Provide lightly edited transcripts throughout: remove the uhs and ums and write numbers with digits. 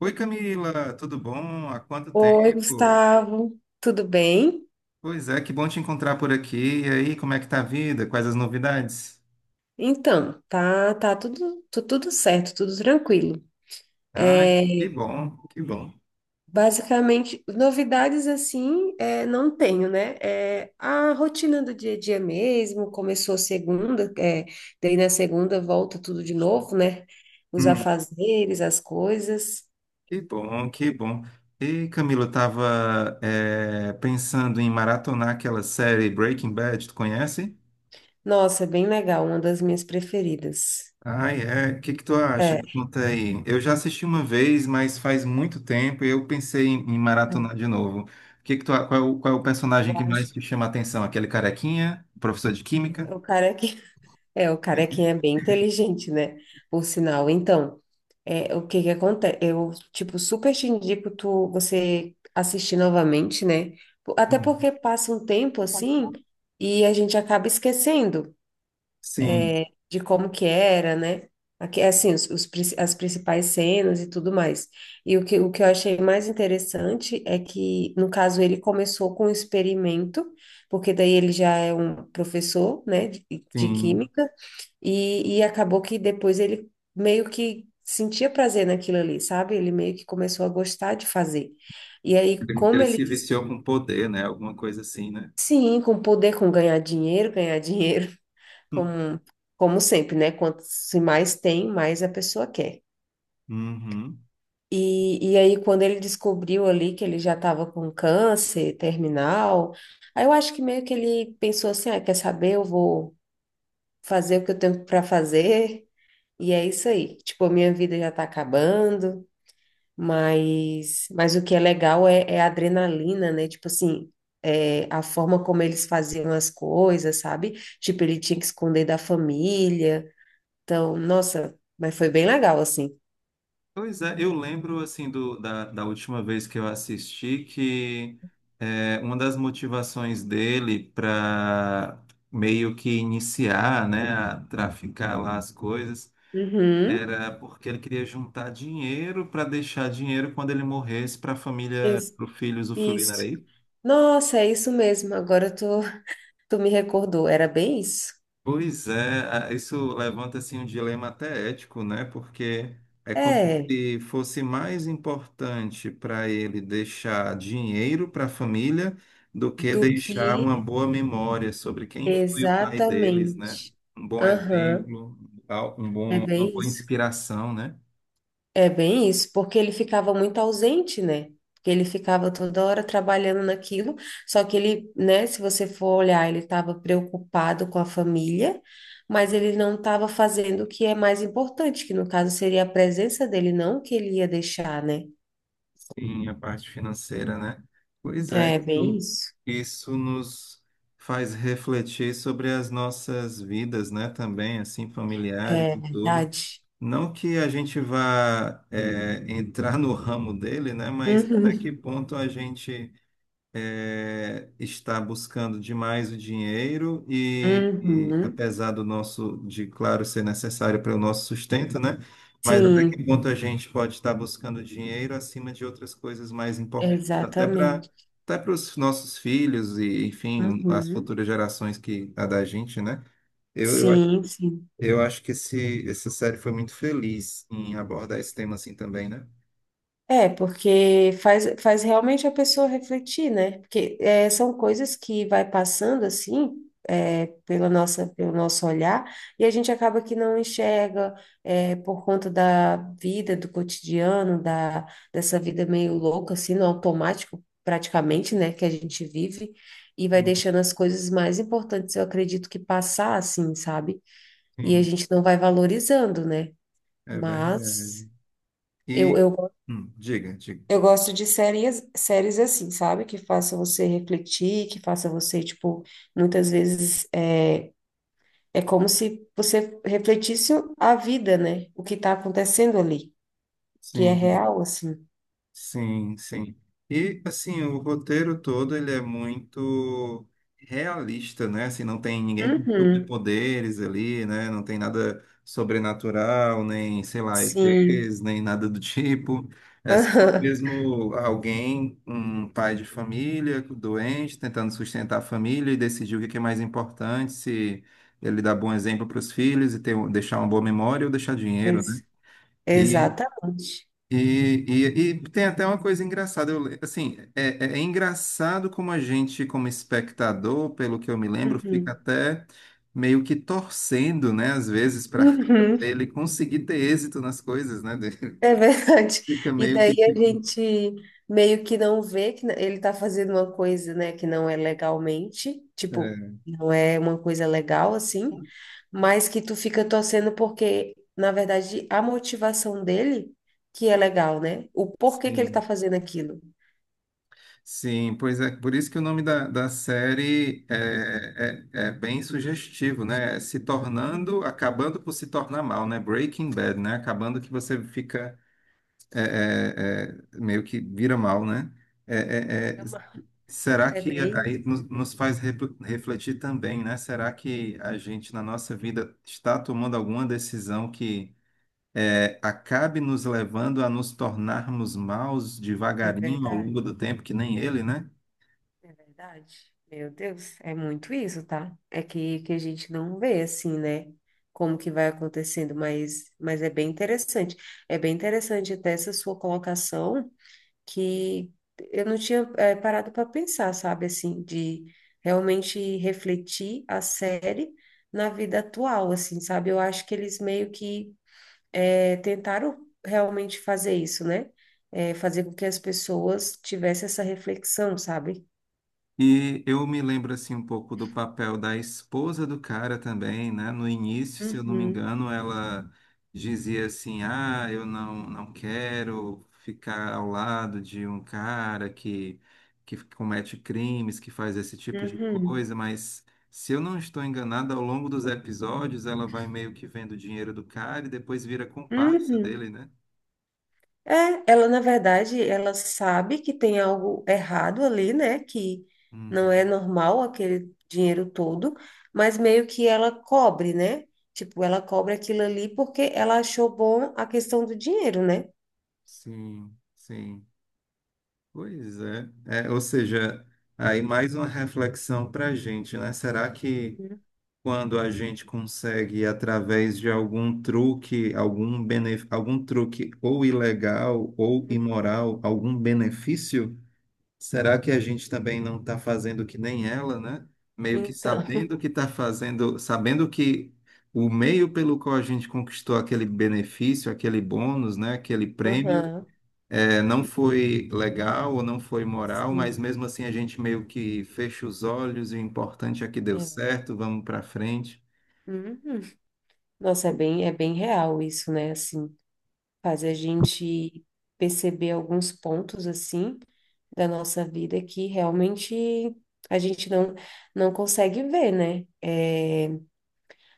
Oi, Camila, tudo bom? Há quanto Oi, tempo? Gustavo, tudo bem? Pois é, que bom te encontrar por aqui. E aí, como é que tá a vida? Quais as novidades? Então, tá tudo, tudo certo, tudo tranquilo. Ah, É, que bom, que bom. Basicamente, novidades assim, não tenho, né? A rotina do dia a dia mesmo, começou segunda, daí na segunda volta tudo de novo, né? Os Hum, afazeres, as coisas. que bom, que bom. E, Camila, eu tava pensando em maratonar aquela série Breaking Bad, tu conhece? Nossa, é bem legal, uma das minhas preferidas. Ai, é. O que que tu acha? É, Me conta aí. Eu já assisti uma vez, mas faz muito tempo e eu pensei em maratonar de novo. O Que que tu, a- qual é o personagem eu que mais acho. te chama a atenção? Aquele carequinha, professor de química? É, O cara que É, o carequinha é bem inteligente, né? Por sinal. Então, o que que acontece? Eu, tipo, super te indico você assistir novamente, né? Até Uhum. porque passa um tempo assim e a gente acaba esquecendo Sim, de como que era, né? Aqui, assim, as principais cenas e tudo mais. E o que eu achei mais interessante é que, no caso, ele começou com um experimento, porque daí ele já é um professor, né, de sim. química, e acabou que depois ele meio que sentia prazer naquilo ali, sabe? Ele meio que começou a gostar de fazer. E aí, Ele, como ele ele, se viciou com poder, né? Alguma coisa assim, né? sim, com poder, com ganhar dinheiro como, como sempre, né? Quanto se mais tem, mais a pessoa quer. Uhum. E aí, quando ele descobriu ali que ele já estava com câncer terminal, aí eu acho que meio que ele pensou assim: ah, quer saber? Eu vou fazer o que eu tenho para fazer, e é isso aí. Tipo, a minha vida já está acabando, mas o que é legal é a adrenalina, né? Tipo assim. A forma como eles faziam as coisas, sabe? Tipo, ele tinha que esconder da família. Então, nossa, mas foi bem legal, assim. Pois é, eu lembro assim da última vez que eu assisti que uma das motivações dele para meio que iniciar, né, a traficar lá as coisas Uhum. era porque ele queria juntar dinheiro para deixar dinheiro quando ele morresse para a família, Isso. para o filho usufruir, não Isso. era isso? Nossa, é isso mesmo. Agora tu me recordou. Era bem isso? Pois é, isso levanta assim um dilema até ético, né? Porque é como É, se fosse mais importante para ele deixar dinheiro para a família do que do deixar uma que boa memória sobre quem foi o pai deles, né? exatamente. Um bom Aham, exemplo, é uma bem boa isso. inspiração, né? É bem isso, porque ele ficava muito ausente, né? Porque ele ficava toda hora trabalhando naquilo, só que ele, né, se você for olhar, ele estava preocupado com a família, mas ele não estava fazendo o que é mais importante, que no caso seria a presença dele, não o que ele ia deixar, né? Sim, a parte financeira, né? Pois é, É bem isso, isso. isso nos faz refletir sobre as nossas vidas, né? Também, assim, familiares É e tudo. verdade. Não que a gente vá, é, entrar no ramo dele, né? Mas até que Uhum. ponto a gente é, está buscando demais o dinheiro e Uhum. apesar do nosso, de claro, ser necessário para o nosso sustento, né? Mas até Sim, que ponto a gente pode estar buscando dinheiro acima de outras coisas mais importantes, exatamente. até para os nossos filhos e, enfim, as Uhum. futuras gerações que a da gente, né? Eu, eu, acho- Sim, sim. eu acho que essa série foi muito feliz em abordar esse tema assim também, né? É, porque faz realmente a pessoa refletir, né? Porque são coisas que vai passando assim, pelo nosso olhar, e a gente acaba que não enxerga, por conta da vida, do cotidiano, dessa vida meio louca, assim, no automático, praticamente, né, que a gente vive, e vai Sim, deixando as coisas mais importantes, eu acredito que passar assim, sabe? E a sim, gente não vai valorizando, né? é Mas. verdade. Eu, E, eu diga, diga. eu gosto de séries, séries assim, sabe? Que faça você refletir, que faça você, tipo, muitas vezes é como se você refletisse a vida, né? O que tá acontecendo ali, que é Sim, real, assim. sim, sim. E assim, o roteiro todo ele é muito realista, né? Assim, não tem ninguém com Uhum, superpoderes ali, né? Não tem nada sobrenatural, nem, sei lá, sim. ETs, nem nada do tipo. É só Aham. mesmo alguém, um pai de família, doente, tentando sustentar a família e decidir o que que é mais importante, se ele dá bom exemplo para os filhos e ter, deixar uma boa memória ou deixar dinheiro, né? Ex- E Exata. e tem até uma coisa engraçada, eu, le- assim, é, é- é engraçado como a gente, como espectador, pelo que eu me lembro, fica Uhum. até meio que torcendo, né, às vezes, para Uhum. ele conseguir ter êxito nas coisas, né, dele. É verdade. Fica E meio daí que a tipo, gente meio que não vê que ele está fazendo uma coisa, né, que não é legalmente, tipo, é, não é uma coisa legal assim, mas que tu fica torcendo porque, na verdade, a motivação dele que é legal, né? O porquê que ele sim, está fazendo aquilo. sim, pois é, por isso que o nome da série é bem sugestivo, né, é se Hum, tornando, acabando por se tornar mal, né, Breaking Bad, né, acabando que você fica meio que vira mal, né? É, é, Fica mal. é, será É que bem isso. aí nos, refletir também, né? Será que a gente, na nossa vida, está tomando alguma decisão que é, acabe nos levando a nos tornarmos maus É devagarinho ao verdade. longo do tempo, que nem ele, né? É verdade. Meu Deus, é muito isso, tá? É que a gente não vê assim, né? Como que vai acontecendo, mas é bem interessante. É bem interessante até essa sua colocação que eu não tinha parado para pensar, sabe? Assim, de realmente refletir a série na vida atual, assim, sabe? Eu acho que eles meio que tentaram realmente fazer isso, né? Fazer com que as pessoas tivessem essa reflexão, sabe? E eu me lembro assim um pouco do papel da esposa do cara também, né? No início, se eu não me Uhum. engano, ela dizia assim: "Ah, eu não quero ficar ao lado de um cara que comete crimes, que faz esse tipo de Uhum. coisa", mas se eu não estou enganado, ao longo dos episódios ela vai meio que vendo o dinheiro do cara e depois vira comparsa Uhum. dele, né? É, ela na verdade, ela sabe que tem algo errado ali, né? Que não é Uhum. normal aquele dinheiro todo, mas meio que ela cobre, né? Tipo, ela cobre aquilo ali porque ela achou bom a questão do dinheiro, né? Sim, sim. Pois é. É, ou seja, aí mais uma reflexão para a gente, né? Será que Uhum. quando a gente consegue, através de algum truque, algum truque ou ilegal ou imoral, algum benefício, será que a gente também não está fazendo que nem ela, né? Meio que Então, sabendo que está fazendo, sabendo que o meio pelo qual a gente conquistou aquele benefício, aquele bônus, né? Aquele prêmio aham, é, não foi legal ou não foi moral, mas sim. mesmo assim a gente meio que fecha os olhos e o importante é que deu É. certo, vamos para frente. Uhum. Nossa, é bem real isso, né? Assim. Faz a gente perceber alguns pontos assim da nossa vida que realmente a gente não consegue ver, né? É,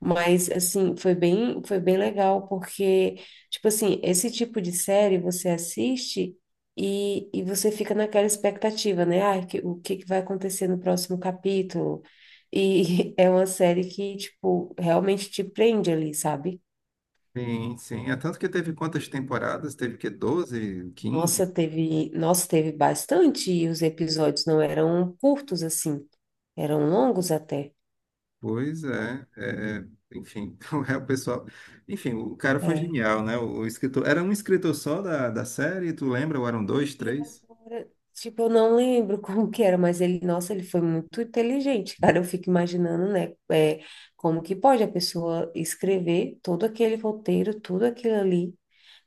mas assim, foi bem legal porque tipo assim, esse tipo de série você assiste e você fica naquela expectativa, né? Ah, o que que vai acontecer no próximo capítulo? E é uma série que, tipo, realmente te prende ali, sabe? Sim, sim. É tanto que teve quantas temporadas? Teve que doze quinze Nossa, teve bastante e os episódios não eram curtos assim, eram longos até. Pois é, é, enfim, é o pessoal. Enfim, o cara foi É. genial, né? O escritor. Era um escritor só da série, tu lembra? Ou eram dois, E três? agora, tipo, eu não lembro como que era, mas ele, nossa, ele foi muito inteligente, cara. Eu fico imaginando, né, como que pode a pessoa escrever todo aquele roteiro, tudo aquilo ali.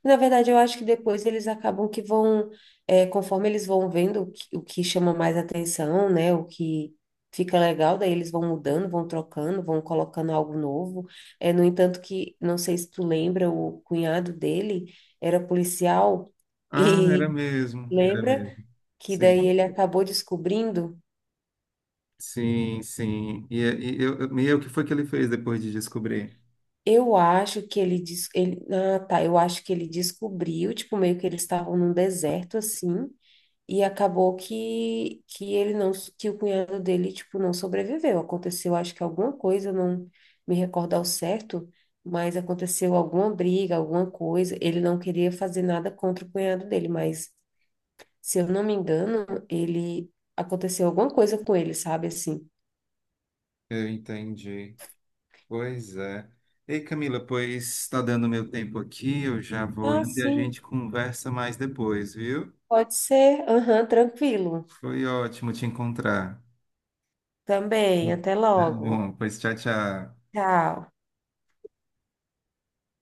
Na verdade, eu acho que depois eles acabam que vão, conforme eles vão vendo o que chama mais atenção, né? O que fica legal, daí eles vão mudando, vão trocando, vão colocando algo novo. No entanto, que não sei se tu lembra, o cunhado dele era policial Ah, e era mesmo, era lembra mesmo. que Sim, daí ele acabou descobrindo. sim, sim. E o que foi que ele fez depois de descobrir? Eu acho que ele, ah, tá, eu acho que ele descobriu, tipo, meio que eles estavam num deserto assim. E acabou que ele não, que o cunhado dele, tipo, não sobreviveu. Aconteceu, acho que alguma coisa, não me recordo ao certo, mas aconteceu alguma briga, alguma coisa. Ele não queria fazer nada contra o cunhado dele, mas, se eu não me engano, ele aconteceu alguma coisa com ele, sabe assim? Eu entendi. Pois é. Ei, Camila, pois está dando meu tempo aqui, eu já vou Ah, indo e a sim, gente conversa mais depois, viu? pode ser. Aham, tranquilo. Foi ótimo te encontrar. Também, até logo. Bom, pois tchau, tchau. Tchau.